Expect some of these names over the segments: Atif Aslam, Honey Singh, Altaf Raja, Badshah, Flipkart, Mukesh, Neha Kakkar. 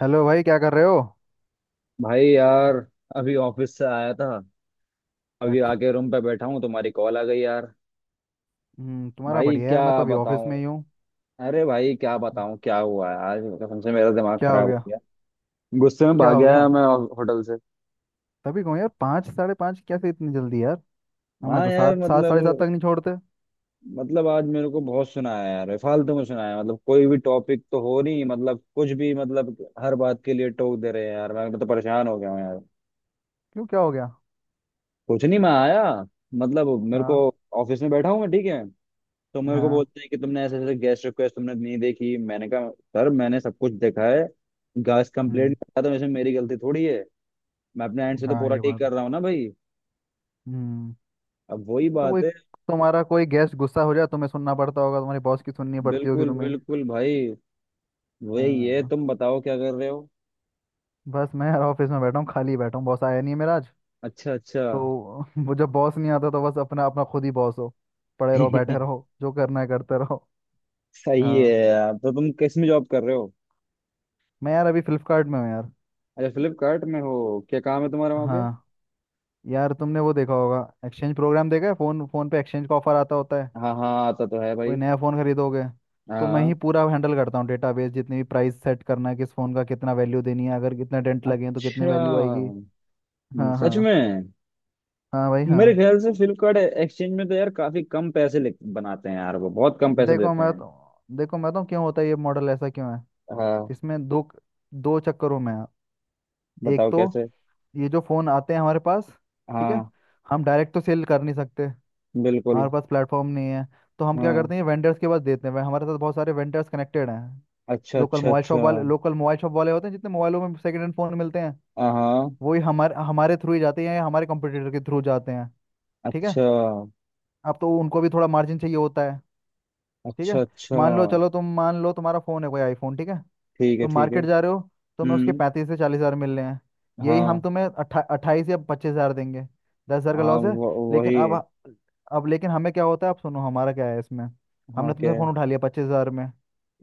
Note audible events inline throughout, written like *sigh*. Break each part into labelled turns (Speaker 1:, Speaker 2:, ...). Speaker 1: Hello भाई, क्या कर रहे हो?
Speaker 2: भाई यार, अभी ऑफिस से आया था। अभी
Speaker 1: अच्छा।
Speaker 2: आके रूम पे बैठा हूँ, तुम्हारी कॉल आ गई यार।
Speaker 1: तुम्हारा
Speaker 2: भाई
Speaker 1: बढ़िया
Speaker 2: क्या
Speaker 1: यार। मैं तो अभी ऑफिस
Speaker 2: बताऊँ,
Speaker 1: में ही हूँ।
Speaker 2: अरे भाई क्या बताऊँ क्या हुआ है आज, कसम से मेरा दिमाग
Speaker 1: क्या हो
Speaker 2: खराब हो
Speaker 1: गया?
Speaker 2: गया। गुस्से में
Speaker 1: क्या
Speaker 2: भाग
Speaker 1: हो
Speaker 2: गया
Speaker 1: गया?
Speaker 2: मैं होटल से।
Speaker 1: तभी कहूँ यार, पाँच साढ़े पाँच कैसे, इतनी जल्दी यार। हमें
Speaker 2: हाँ
Speaker 1: तो
Speaker 2: यार,
Speaker 1: सात, सात साढ़े सात तक
Speaker 2: मतलब
Speaker 1: नहीं छोड़ते।
Speaker 2: मतलब आज मेरे को बहुत सुनाया यार, फालतू में सुनाया। मतलब कोई भी टॉपिक तो हो नहीं, मतलब कुछ भी, मतलब हर बात के लिए टोक दे रहे हैं यार, मैं तो परेशान हो गया हूँ यार।
Speaker 1: क्यों? क्या हो गया?
Speaker 2: कुछ नहीं, मैं आया, मतलब मेरे को,
Speaker 1: हाँ,
Speaker 2: ऑफिस में बैठा हूँ मैं, ठीक है। तो मेरे को
Speaker 1: हाँ।
Speaker 2: बोलते हैं कि तुमने ऐसे ऐसे गेस्ट रिक्वेस्ट तुमने नहीं देखी। मैंने कहा, सर, मैंने सब कुछ देखा है। गैस
Speaker 1: हम्म।
Speaker 2: कंप्लेंट करा तो इसमें मेरी गलती थोड़ी है। मैं अपने एंड से तो
Speaker 1: हाँ,
Speaker 2: पूरा
Speaker 1: ये
Speaker 2: ठीक
Speaker 1: बात है।
Speaker 2: कर रहा हूँ ना भाई।
Speaker 1: हम्म।
Speaker 2: अब वही
Speaker 1: तो
Speaker 2: बात
Speaker 1: कोई
Speaker 2: है।
Speaker 1: तुम्हारा कोई गेस्ट गुस्सा हो जाए, तुम्हें सुनना पड़ता होगा, तुम्हारी बॉस की सुननी पड़ती होगी
Speaker 2: बिल्कुल
Speaker 1: तुम्हें।
Speaker 2: बिल्कुल भाई, वही है।
Speaker 1: हाँ।
Speaker 2: तुम बताओ क्या कर रहे हो।
Speaker 1: बस मैं यार ऑफिस में बैठा हूँ, खाली बैठा हूँ, बॉस आया नहीं है मेरा आज।
Speaker 2: अच्छा, अच्छा।
Speaker 1: तो *laughs* वो जब बॉस नहीं आता तो बस अपना अपना खुद ही बॉस हो, पड़े रहो, बैठे
Speaker 2: *laughs*
Speaker 1: रहो, जो करना है करते रहो।
Speaker 2: सही है
Speaker 1: हाँ।
Speaker 2: यार। तो तुम किस में जॉब कर रहे हो।
Speaker 1: मैं यार अभी फ्लिपकार्ट में हूँ यार।
Speaker 2: अच्छा, फ्लिपकार्ट में हो। क्या काम है तुम्हारा वहाँ पे।
Speaker 1: हाँ यार, तुमने वो देखा होगा, एक्सचेंज प्रोग्राम देखा है, फ़ोन फ़ोन पे एक्सचेंज का ऑफर आता होता है।
Speaker 2: हाँ हाँ, आता तो है भाई।
Speaker 1: कोई नया फ़ोन खरीदोगे? तो मैं
Speaker 2: हाँ।
Speaker 1: ही पूरा हैंडल करता हूँ डेटाबेस। जितनी भी प्राइस सेट करना है, किस फ़ोन का कितना वैल्यू देनी है, अगर कितने डेंट लगे हैं तो कितनी वैल्यू आएगी।
Speaker 2: अच्छा।
Speaker 1: हाँ,
Speaker 2: सच
Speaker 1: हाँ।
Speaker 2: में।
Speaker 1: हाँ भाई, हाँ।
Speaker 2: मेरे ख्याल से फ्लिपकार्ट एक्सचेंज में तो यार काफी कम पैसे बनाते हैं यार, वो बहुत कम पैसे
Speaker 1: देखो
Speaker 2: देते
Speaker 1: मैं
Speaker 2: हैं।
Speaker 1: तो देखो मैं तो, क्यों होता है ये मॉडल ऐसा क्यों है?
Speaker 2: हाँ
Speaker 1: इसमें दो दो चक्करों में है। एक
Speaker 2: बताओ
Speaker 1: तो,
Speaker 2: कैसे।
Speaker 1: ये जो फ़ोन आते हैं हमारे पास, ठीक है,
Speaker 2: हाँ।
Speaker 1: हम डायरेक्ट तो सेल कर नहीं सकते,
Speaker 2: बिल्कुल।
Speaker 1: हमारे पास प्लेटफॉर्म नहीं है। तो हम क्या
Speaker 2: हाँ।
Speaker 1: करते हैं, वेंडर्स के पास देते हैं। हमारे साथ बहुत सारे वेंडर्स कनेक्टेड हैं।
Speaker 2: अच्छा
Speaker 1: लोकल
Speaker 2: अच्छा
Speaker 1: मोबाइल शॉप
Speaker 2: अच्छा।
Speaker 1: वाले लोकल मोबाइल शॉप वाले होते हैं, जितने मोबाइलों में सेकंड हैंड फ़ोन मिलते हैं,
Speaker 2: हाँ हाँ।
Speaker 1: वही हमारे हमारे थ्रू ही जाते हैं या हमारे कंपटीटर के थ्रू जाते हैं। ठीक है।
Speaker 2: अच्छा
Speaker 1: अब तो उनको भी थोड़ा मार्जिन चाहिए होता है। ठीक है,
Speaker 2: अच्छा अच्छा।
Speaker 1: मान लो, चलो तुम मान लो तुम्हारा फोन है कोई आईफोन, ठीक है,
Speaker 2: ठीक है
Speaker 1: तुम
Speaker 2: ठीक है।
Speaker 1: मार्केट जा रहे हो, तुम्हें उसके
Speaker 2: हम्म।
Speaker 1: 35 से 40 हजार मिल रहे हैं। यही हम
Speaker 2: हाँ
Speaker 1: तुम्हें 28 या 25 हजार देंगे। 10 हजार का
Speaker 2: हाँ,
Speaker 1: लॉस है। लेकिन अब
Speaker 2: वही।
Speaker 1: अब लेकिन हमें क्या होता है, अब सुनो हमारा क्या है इसमें।
Speaker 2: हाँ
Speaker 1: हमने
Speaker 2: क्या
Speaker 1: तुमसे
Speaker 2: है।
Speaker 1: फ़ोन उठा लिया 25 हजार में।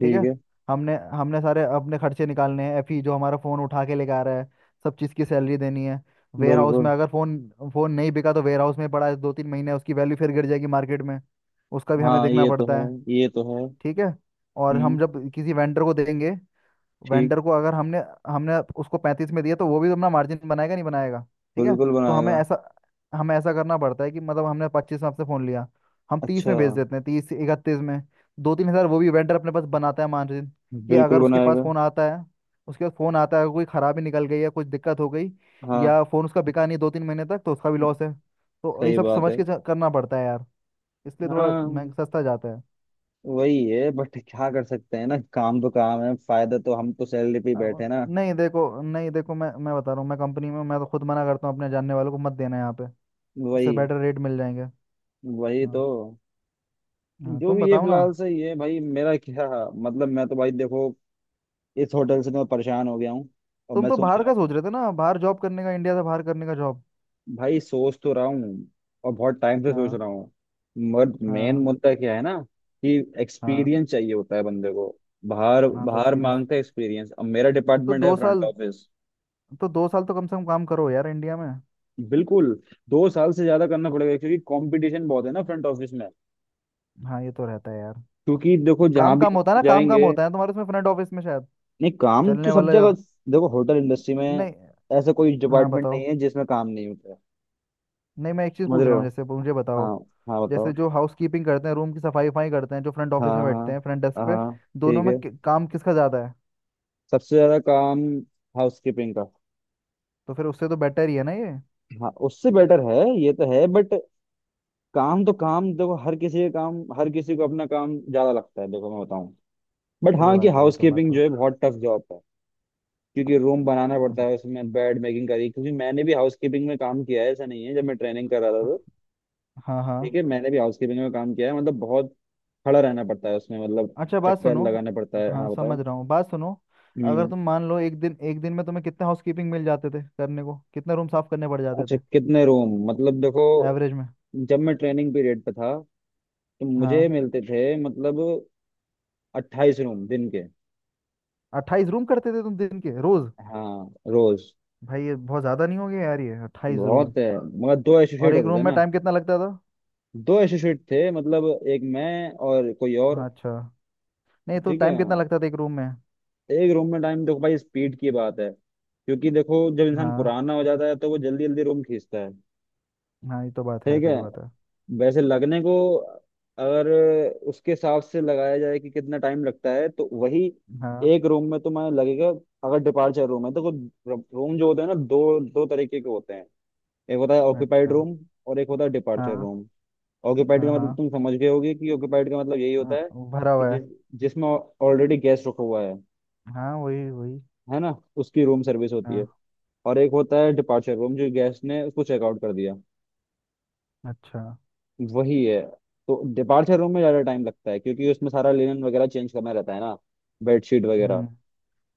Speaker 1: ठीक है।
Speaker 2: है।
Speaker 1: हमने हमने सारे अपने खर्चे निकालने हैं, एफी जो हमारा फ़ोन उठा के लेके आ रहा है, सब चीज़ की सैलरी देनी है। वेयर हाउस में
Speaker 2: बिल्कुल।
Speaker 1: अगर फ़ोन फ़ोन नहीं बिका तो वेयर हाउस में पड़ा है 2 3 महीने, उसकी वैल्यू फिर गिर जाएगी मार्केट में। उसका भी हमें
Speaker 2: हाँ,
Speaker 1: देखना
Speaker 2: ये तो है।
Speaker 1: पड़ता है।
Speaker 2: ये तो है।
Speaker 1: ठीक है। और
Speaker 2: हम्म।
Speaker 1: हम जब किसी वेंडर को देंगे,
Speaker 2: ठीक।
Speaker 1: वेंडर को अगर हमने हमने उसको 35 में दिया, तो वो भी अपना मार्जिन बनाएगा नहीं बनाएगा? ठीक है।
Speaker 2: बिल्कुल
Speaker 1: तो हमें
Speaker 2: बनाएगा।
Speaker 1: ऐसा हमें ऐसा करना पड़ता है कि मतलब हमने 25 में आपसे फ़ोन लिया, हम 30
Speaker 2: अच्छा।
Speaker 1: में बेच देते हैं, 30 31 में। 2 3 हज़ार वो भी वेंडर अपने पास बनाता है, मार्जिन, कि
Speaker 2: बिल्कुल
Speaker 1: अगर उसके पास
Speaker 2: बनाएगा।
Speaker 1: फ़ोन आता है, उसके पास फ़ोन आता है कोई ख़राबी निकल गई या कुछ दिक्कत हो गई,
Speaker 2: हाँ।
Speaker 1: या फ़ोन उसका बिका नहीं 2 3 महीने तक, तो उसका भी लॉस है। तो ये
Speaker 2: सही
Speaker 1: सब
Speaker 2: बात
Speaker 1: समझ
Speaker 2: है।
Speaker 1: के करना पड़ता है यार। इसलिए थोड़ा महंग
Speaker 2: हाँ।
Speaker 1: सस्ता जाता है।
Speaker 2: वही है। बट क्या कर सकते हैं ना, काम तो काम है। फायदा तो, हम तो सैलरी पे ही बैठे हैं
Speaker 1: अब
Speaker 2: ना।
Speaker 1: नहीं देखो, मैं बता रहा हूँ, मैं कंपनी में हूँ, मैं तो खुद मना करता हूँ अपने जानने वालों को, मत देना यहाँ पे, उससे
Speaker 2: वही।
Speaker 1: बेटर रेट मिल जाएंगे।
Speaker 2: वही तो।
Speaker 1: हाँ, हाँ।
Speaker 2: जो
Speaker 1: तुम
Speaker 2: भी ये
Speaker 1: बताओ ना।
Speaker 2: फिलहाल सही है भाई मेरा। *laughs* क्या मतलब, मैं तो भाई देखो, इस होटल से तो मैं परेशान हो गया हूँ। और
Speaker 1: तुम
Speaker 2: मैं
Speaker 1: तो
Speaker 2: सोच
Speaker 1: बाहर
Speaker 2: रहा
Speaker 1: का सोच
Speaker 2: हूँ।
Speaker 1: रहे थे ना, बाहर जॉब करने का, इंडिया से बाहर करने का जॉब।
Speaker 2: भाई सोच तो रहा हूँ, और बहुत टाइम से सोच
Speaker 1: हाँ,
Speaker 2: रहा हूँ। मगर मेन
Speaker 1: हाँ,
Speaker 2: मुद्दा क्या है ना, कि
Speaker 1: हाँ,
Speaker 2: एक्सपीरियंस चाहिए होता है बंदे को। बाहर
Speaker 1: हाँ। तो
Speaker 2: बाहर
Speaker 1: एक्सपीरियंस,
Speaker 2: मांगते हैं एक्सपीरियंस। अब मेरा
Speaker 1: तो
Speaker 2: डिपार्टमेंट है
Speaker 1: दो
Speaker 2: फ्रंट
Speaker 1: साल
Speaker 2: ऑफिस।
Speaker 1: तो दो साल तो कम से कम काम करो यार इंडिया में।
Speaker 2: बिल्कुल। 2 साल से ज्यादा करना पड़ेगा क्योंकि कंपटीशन बहुत है ना फ्रंट ऑफिस में।
Speaker 1: हाँ, ये तो रहता है यार।
Speaker 2: क्योंकि
Speaker 1: तो
Speaker 2: देखो जहां
Speaker 1: काम
Speaker 2: भी
Speaker 1: काम होता है ना, काम काम
Speaker 2: जाएंगे,
Speaker 1: होता है, तुम्हारे उसमें फ्रंट ऑफिस में शायद
Speaker 2: नहीं काम तो
Speaker 1: चलने
Speaker 2: सब
Speaker 1: वाला जा।
Speaker 2: जगह। देखो, होटल इंडस्ट्री में
Speaker 1: नहीं।
Speaker 2: ऐसा कोई
Speaker 1: हाँ,
Speaker 2: डिपार्टमेंट
Speaker 1: बताओ।
Speaker 2: नहीं है जिसमें काम नहीं होता है।
Speaker 1: नहीं, मैं एक चीज़
Speaker 2: समझ
Speaker 1: पूछ
Speaker 2: रहे
Speaker 1: रहा हूँ,
Speaker 2: हो।
Speaker 1: जैसे मुझे बताओ,
Speaker 2: हाँ। हाँ बताओ।
Speaker 1: जैसे जो हाउस कीपिंग करते हैं रूम की सफाई वफाई करते हैं, जो फ्रंट
Speaker 2: हाँ
Speaker 1: ऑफिस में
Speaker 2: हाँ।
Speaker 1: बैठते हैं फ्रंट डेस्क
Speaker 2: हाँ
Speaker 1: पे,
Speaker 2: हाँ।
Speaker 1: दोनों
Speaker 2: ठीक
Speaker 1: में
Speaker 2: है।
Speaker 1: काम किसका ज़्यादा है?
Speaker 2: सबसे ज्यादा काम हाउस कीपिंग का।
Speaker 1: तो फिर उससे तो बेटर ही है ना ये?
Speaker 2: हाँ, उससे बेटर है। ये तो है बट, काम तो काम, देखो हर किसी का काम हर किसी को अपना काम ज्यादा लगता है। देखो मैं बताऊं, बट
Speaker 1: सही
Speaker 2: हाँ, कि
Speaker 1: बात है, ये
Speaker 2: हाउस
Speaker 1: तो बात
Speaker 2: कीपिंग
Speaker 1: हुआ।
Speaker 2: जो है बहुत टफ जॉब है। क्योंकि रूम बनाना पड़ता
Speaker 1: अच्छा,
Speaker 2: है, उसमें बेड मेकिंग करी। क्योंकि मैंने भी हाउस कीपिंग में काम किया है, ऐसा नहीं है। जब मैं ट्रेनिंग कर रहा था तो,
Speaker 1: हाँ, हाँ,
Speaker 2: ठीक है, मैंने भी हाउस कीपिंग में काम किया है। मतलब बहुत खड़ा रहना पड़ता है उसमें, मतलब
Speaker 1: अच्छा, बात
Speaker 2: चक्कर
Speaker 1: सुनो।
Speaker 2: लगाना पड़ता है।
Speaker 1: हाँ,
Speaker 2: हाँ
Speaker 1: समझ
Speaker 2: बताओ।
Speaker 1: रहा हूँ, बात सुनो। अगर
Speaker 2: हम्म।
Speaker 1: तुम मान लो एक दिन, एक दिन में तुम्हें कितने हाउस कीपिंग मिल जाते थे करने को, कितने रूम साफ करने पड़ जाते
Speaker 2: अच्छा,
Speaker 1: थे?
Speaker 2: कितने रूम मतलब, देखो,
Speaker 1: एवरेज में।
Speaker 2: जब मैं ट्रेनिंग पीरियड पे था तो मुझे
Speaker 1: हाँ।
Speaker 2: मिलते थे, मतलब, 28 रूम दिन के।
Speaker 1: 28 रूम करते थे तुम दिन के, रोज?
Speaker 2: हाँ रोज।
Speaker 1: भाई ये बहुत ज़्यादा नहीं हो गया यार, ये 28 रूम?
Speaker 2: बहुत है मगर दो
Speaker 1: और
Speaker 2: एसोसिएट
Speaker 1: एक
Speaker 2: होते
Speaker 1: रूम
Speaker 2: थे
Speaker 1: में
Speaker 2: ना।
Speaker 1: टाइम कितना लगता था?
Speaker 2: दो एसोसिएट थे, मतलब एक मैं और कोई और।
Speaker 1: हाँ, अच्छा। नहीं तो
Speaker 2: ठीक है।
Speaker 1: टाइम कितना लगता था एक रूम में?
Speaker 2: एक रूम में टाइम, देखो भाई स्पीड की बात है। क्योंकि देखो जब इंसान
Speaker 1: हाँ,
Speaker 2: पुराना हो जाता है तो वो जल्दी जल्दी रूम खींचता है।
Speaker 1: हाँ, ये तो बात है,
Speaker 2: ठीक है।
Speaker 1: सही बात है।
Speaker 2: वैसे लगने को, अगर उसके हिसाब से लगाया जाए कि कितना टाइम लगता है तो वही,
Speaker 1: हाँ,
Speaker 2: एक रूम में तुम्हें लगेगा, अगर डिपार्चर रूम है तो। रूम जो होते हैं ना दो दो तरीके के होते हैं। एक होता है ऑक्यूपाइड
Speaker 1: अच्छा,
Speaker 2: रूम, और एक होता है डिपार्चर
Speaker 1: हाँ,
Speaker 2: रूम। ऑक्यूपाइड
Speaker 1: हाँ,
Speaker 2: का मतलब
Speaker 1: हाँ।
Speaker 2: तुम समझ गए होगे कि ऑक्यूपाइड का मतलब यही होता है
Speaker 1: भरा
Speaker 2: कि
Speaker 1: हुआ है।
Speaker 2: जिस, जिसमें ऑलरेडी गेस्ट रखा हुआ है।
Speaker 1: हाँ, वही वही।
Speaker 2: है ना। उसकी रूम सर्विस होती
Speaker 1: हाँ।
Speaker 2: है। और एक होता है डिपार्चर रूम जो गेस्ट ने उसको चेकआउट कर दिया।
Speaker 1: अच्छा।
Speaker 2: वही है। तो डिपार्चर रूम में ज्यादा टाइम लगता है क्योंकि उसमें सारा लिनन वगैरह चेंज करना रहता है ना, बेडशीट वगैरह।
Speaker 1: हम्म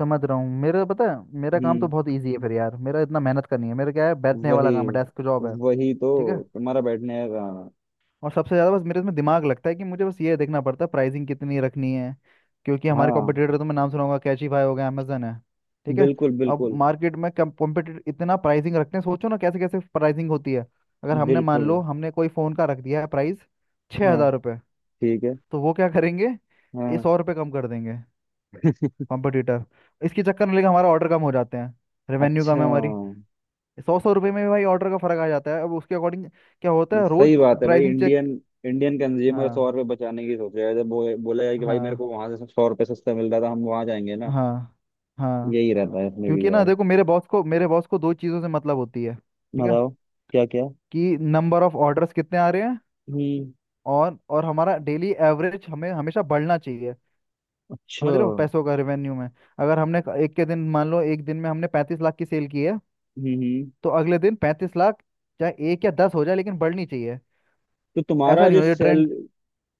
Speaker 1: समझ रहा हूँ, मेरा पता है, मेरा काम तो
Speaker 2: हम्म।
Speaker 1: बहुत इजी है फिर यार, मेरा इतना मेहनत करनी है, मेरा क्या है, बैठने वाला
Speaker 2: वही।
Speaker 1: काम है, डेस्क जॉब है।
Speaker 2: वही तो।
Speaker 1: ठीक है।
Speaker 2: तुम्हारा बैठने का।
Speaker 1: और सबसे ज़्यादा बस मेरे इसमें दिमाग लगता है कि मुझे बस ये देखना पड़ता है प्राइसिंग कितनी रखनी है, क्योंकि हमारे
Speaker 2: हाँ।
Speaker 1: कॉम्पिटिटर तो, मैं नाम सुना होगा, कैचीफाई हो गया, अमेजन है। ठीक है।
Speaker 2: बिल्कुल
Speaker 1: अब
Speaker 2: बिल्कुल।
Speaker 1: मार्केट में कॉम्पिटिटर इतना प्राइसिंग रखते हैं, सोचो ना कैसे कैसे प्राइसिंग होती है। अगर हमने मान
Speaker 2: बिल्कुल।
Speaker 1: लो हमने कोई फ़ोन का रख दिया है प्राइस छः
Speaker 2: हाँ।
Speaker 1: हज़ार रुपये
Speaker 2: ठीक है।
Speaker 1: तो वो क्या करेंगे? ये
Speaker 2: हाँ।
Speaker 1: 100 रुपये कम कर देंगे, कॉम्पिटिटर। इसके चक्कर में लेकिन हमारा ऑर्डर कम हो जाते हैं, रेवेन्यू
Speaker 2: अच्छा।
Speaker 1: कम है हमारी। सौ सौ रुपये में भी भाई ऑर्डर का फ़र्क आ जाता है। अब उसके अकॉर्डिंग क्या होता है, रोज़
Speaker 2: सही बात है भाई।
Speaker 1: Pricing check.
Speaker 2: Indian, Indian consumer
Speaker 1: हाँ,
Speaker 2: 100 रुपये बचाने की सोच रहा है। जब बोला जाए कि भाई मेरे
Speaker 1: हाँ,
Speaker 2: को वहां से 100 रुपये सस्ता मिल रहा था, हम वहां जाएंगे ना।
Speaker 1: हाँ, हाँ।
Speaker 2: यही रहता है इसमें भी
Speaker 1: क्योंकि ना
Speaker 2: यार।
Speaker 1: देखो, मेरे बॉस को दो चीज़ों से मतलब होती है, ठीक है,
Speaker 2: बताओ क्या क्या।
Speaker 1: कि नंबर ऑफ ऑर्डर्स कितने आ रहे हैं,
Speaker 2: हम्म।
Speaker 1: और हमारा डेली एवरेज हमें हमेशा बढ़ना चाहिए,
Speaker 2: अच्छा।
Speaker 1: समझ रहे हो, पैसों का रेवेन्यू में। अगर हमने क- एक के दिन मान लो एक दिन में हमने 35 लाख की सेल की है,
Speaker 2: हम्म।
Speaker 1: तो अगले दिन 35 लाख, चाहे एक या दस हो जाए लेकिन बढ़नी चाहिए,
Speaker 2: तो
Speaker 1: ऐसा
Speaker 2: तुम्हारा
Speaker 1: नहीं
Speaker 2: जो
Speaker 1: हो ये
Speaker 2: सेल,
Speaker 1: ट्रेंड।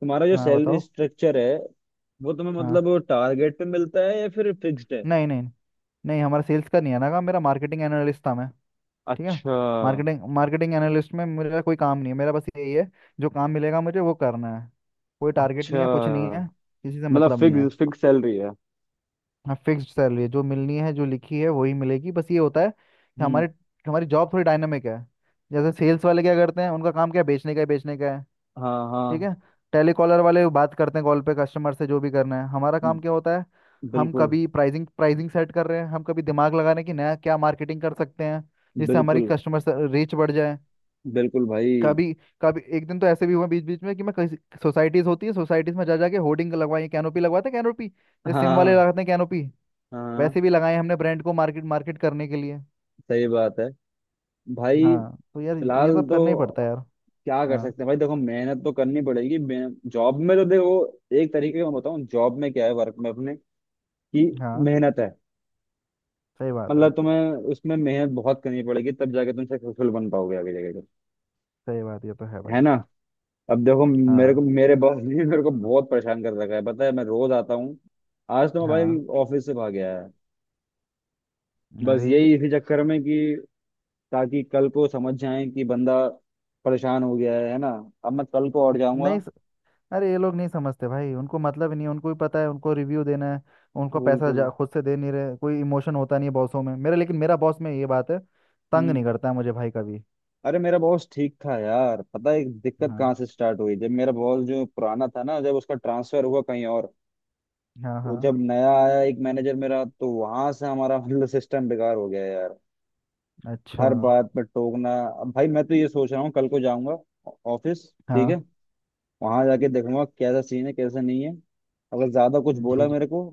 Speaker 2: तुम्हारा जो
Speaker 1: हाँ,
Speaker 2: सैलरी
Speaker 1: बताओ।
Speaker 2: स्ट्रक्चर है, वो तुम्हें,
Speaker 1: हाँ,
Speaker 2: मतलब, टारगेट पे मिलता है या फिर फिक्स्ड है।
Speaker 1: नहीं, नहीं, नहीं, हमारा सेल्स का नहीं है ना काम, मेरा मार्केटिंग एनालिस्ट था मैं। ठीक है।
Speaker 2: अच्छा।
Speaker 1: मार्केटिंग मार्केटिंग एनालिस्ट में मेरा कोई काम नहीं है, मेरा बस यही है, जो काम मिलेगा मुझे वो करना है, कोई टारगेट
Speaker 2: अच्छा,
Speaker 1: नहीं है, कुछ नहीं है, किसी से
Speaker 2: मतलब
Speaker 1: मतलब नहीं है।
Speaker 2: फिक्स फिक्स सैलरी है।
Speaker 1: हाँ, फिक्स्ड सैलरी जो मिलनी है जो लिखी है वही मिलेगी। बस ये होता है कि
Speaker 2: हम्म।
Speaker 1: हमारी हमारी जॉब थोड़ी डायनामिक है। जैसे सेल्स वाले क्या करते हैं, उनका काम क्या है, बेचने का है, बेचने का है।
Speaker 2: हाँ
Speaker 1: ठीक
Speaker 2: हाँ।
Speaker 1: है। टेलीकॉलर वाले बात करते हैं कॉल पे कस्टमर से, जो भी करना है, हमारा काम क्या होता है, हम
Speaker 2: बिल्कुल।
Speaker 1: कभी प्राइसिंग प्राइसिंग सेट कर रहे हैं, हम कभी दिमाग लगा रहे हैं कि नया क्या मार्केटिंग कर सकते हैं जिससे हमारी
Speaker 2: बिल्कुल
Speaker 1: कस्टमर रीच बढ़ जाए।
Speaker 2: बिल्कुल भाई।
Speaker 1: कभी, कभी एक दिन तो ऐसे भी हुआ बीच बीच में कि मैं कहीं सोसाइटीज होती है, सोसाइटीज में जा जाके होर्डिंग लगवाई, कैनोपी लगवाते हैं कैनोपी,
Speaker 2: हाँ
Speaker 1: जैसे सिम वाले
Speaker 2: हाँ
Speaker 1: लगाते हैं कैनोपी,
Speaker 2: हाँ।
Speaker 1: वैसे भी लगाए हैं हमने ब्रांड को मार्केट मार्केट करने के लिए।
Speaker 2: सही बात है भाई।
Speaker 1: हाँ, तो यार
Speaker 2: फिलहाल
Speaker 1: ये सब करना ही
Speaker 2: तो,
Speaker 1: पड़ता है यार।
Speaker 2: क्या कर
Speaker 1: हाँ,
Speaker 2: सकते हैं भाई। देखो, मेहनत तो करनी पड़ेगी जॉब में तो देखो, एक तरीके का मैं बताऊं जॉब में क्या है, वर्क में अपने, कि
Speaker 1: हाँ,
Speaker 2: मेहनत है।
Speaker 1: सही बात है,
Speaker 2: मतलब तुम्हें उसमें मेहनत बहुत करनी पड़ेगी तब जाके तुम सक्सेसफुल बन पाओगे आगे जाके।
Speaker 1: सही बात ये तो है
Speaker 2: है
Speaker 1: भाई।
Speaker 2: ना। अब देखो,
Speaker 1: हाँ,
Speaker 2: मेरे बॉस ने मेरे को बहुत परेशान कर रखा है, पता है। मैं रोज आता हूँ। आज तो मैं भाई
Speaker 1: हाँ।
Speaker 2: ऑफिस से भाग गया है। बस
Speaker 1: अरे,
Speaker 2: यही इसी चक्कर में, कि ताकि कल को समझ जाए कि बंदा परेशान हो गया है ना। अब मैं कल को और जाऊंगा।
Speaker 1: नहीं स- अरे ये लोग नहीं समझते भाई, उनको मतलब ही नहीं है, उनको भी पता है उनको रिव्यू देना है, उनको पैसा
Speaker 2: बिल्कुल।
Speaker 1: जा खुद से दे नहीं रहे, कोई इमोशन होता नहीं है बॉसों में मेरे, लेकिन मेरा बॉस में ये बात है, तंग
Speaker 2: हम्म।
Speaker 1: नहीं करता है मुझे भाई कभी।
Speaker 2: अरे, मेरा बॉस ठीक था यार, पता है दिक्कत
Speaker 1: हाँ,
Speaker 2: कहाँ से स्टार्ट हुई। जब मेरा बॉस जो पुराना था ना, जब उसका ट्रांसफर हुआ कहीं और,
Speaker 1: हाँ,
Speaker 2: तो
Speaker 1: हाँ,
Speaker 2: जब नया आया एक मैनेजर मेरा, तो वहां से हमारा, मतलब, सिस्टम बेकार हो गया यार।
Speaker 1: अच्छा,
Speaker 2: हर बात पर टोकना। अब भाई मैं तो ये सोच रहा हूँ कल को जाऊंगा ऑफिस, ठीक है।
Speaker 1: हाँ,
Speaker 2: वहां जाके देखूंगा कैसा सीन है कैसा नहीं है। अगर ज्यादा कुछ
Speaker 1: जी,
Speaker 2: बोला
Speaker 1: जी,
Speaker 2: मेरे को,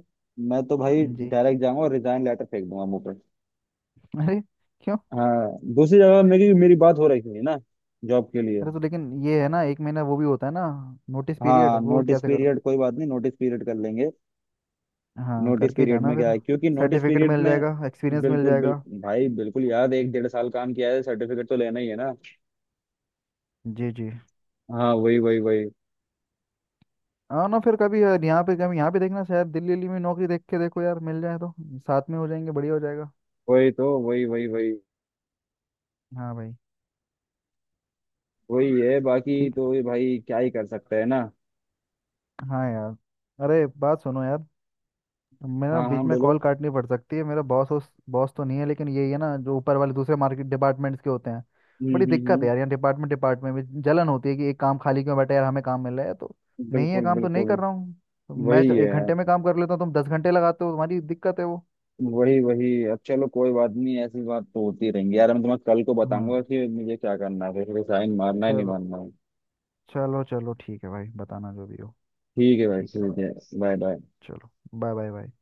Speaker 2: मैं तो भाई
Speaker 1: जी।
Speaker 2: डायरेक्ट जाऊंगा और रिजाइन लेटर फेंक दूंगा मुंह पर।
Speaker 1: अरे, क्यों?
Speaker 2: हाँ, दूसरी जगह मेरी मेरी बात हो रही थी ना जॉब के लिए।
Speaker 1: अरे तो लेकिन ये है ना, 1 महीना वो भी होता है ना, नोटिस पीरियड
Speaker 2: हाँ
Speaker 1: वो
Speaker 2: नोटिस
Speaker 1: कैसे करो?
Speaker 2: पीरियड कोई बात नहीं, नोटिस पीरियड कर लेंगे।
Speaker 1: हाँ,
Speaker 2: नोटिस
Speaker 1: करके
Speaker 2: पीरियड
Speaker 1: जाना
Speaker 2: में क्या
Speaker 1: फिर,
Speaker 2: है, क्योंकि नोटिस
Speaker 1: सर्टिफिकेट
Speaker 2: पीरियड
Speaker 1: मिल
Speaker 2: में,
Speaker 1: जाएगा, एक्सपीरियंस मिल
Speaker 2: बिल्कुल
Speaker 1: जाएगा।
Speaker 2: बिल्कुल भाई। बिल्कुल यार, 1-1.5 साल काम किया है, सर्टिफिकेट तो लेना ही है ना।
Speaker 1: जी, जी।
Speaker 2: हाँ वही वही वही।
Speaker 1: हाँ ना, फिर कभी यार यहाँ पे, कभी यहाँ पे देखना शायद, दिल्ली दिल्ली में नौकरी देख के देखो यार, मिल जाए तो साथ में हो जाएंगे, बढ़िया हो जाएगा।
Speaker 2: वही तो। वही वही वही।
Speaker 1: हाँ भाई,
Speaker 2: वही है। बाकी
Speaker 1: ठीक है।
Speaker 2: तो ये भाई क्या ही कर सकते हैं ना।
Speaker 1: हाँ यार। अरे बात सुनो यार, मैं ना
Speaker 2: हाँ हाँ
Speaker 1: बीच में
Speaker 2: बोलो।
Speaker 1: कॉल काटनी पड़ सकती है, मेरा बॉस उस बॉस तो नहीं है लेकिन यही है ना जो ऊपर वाले दूसरे मार्केट डिपार्टमेंट्स के होते हैं। बड़ी दिक्कत है
Speaker 2: हम्म।
Speaker 1: यार, यहाँ डिपार्टमेंट डिपार्टमेंट में जलन होती है कि एक काम खाली क्यों बैठा है यार, हमें काम मिल रहा है तो। नहीं है,
Speaker 2: बिल्कुल
Speaker 1: काम तो नहीं
Speaker 2: बिल्कुल।
Speaker 1: कर रहा हूँ। तो मैं
Speaker 2: वही
Speaker 1: एक
Speaker 2: है।
Speaker 1: घंटे में काम कर लेता हूँ, तुम 10 घंटे लगाते हो, तुम्हारी दिक्कत है वो।
Speaker 2: वही वही। अब चलो कोई बात नहीं, ऐसी बात तो होती रहेंगी यार। मैं तुम्हें कल को बताऊंगा
Speaker 1: हाँ,
Speaker 2: कि मुझे क्या करना है, फिर साइन मारना है नहीं
Speaker 1: चलो,
Speaker 2: मारना है।
Speaker 1: चलो, चलो, ठीक है भाई, बताना जो भी हो।
Speaker 2: ठीक है भाई,
Speaker 1: ठीक है।
Speaker 2: ठीक है। Bye bye.
Speaker 1: चलो। Bye bye bye.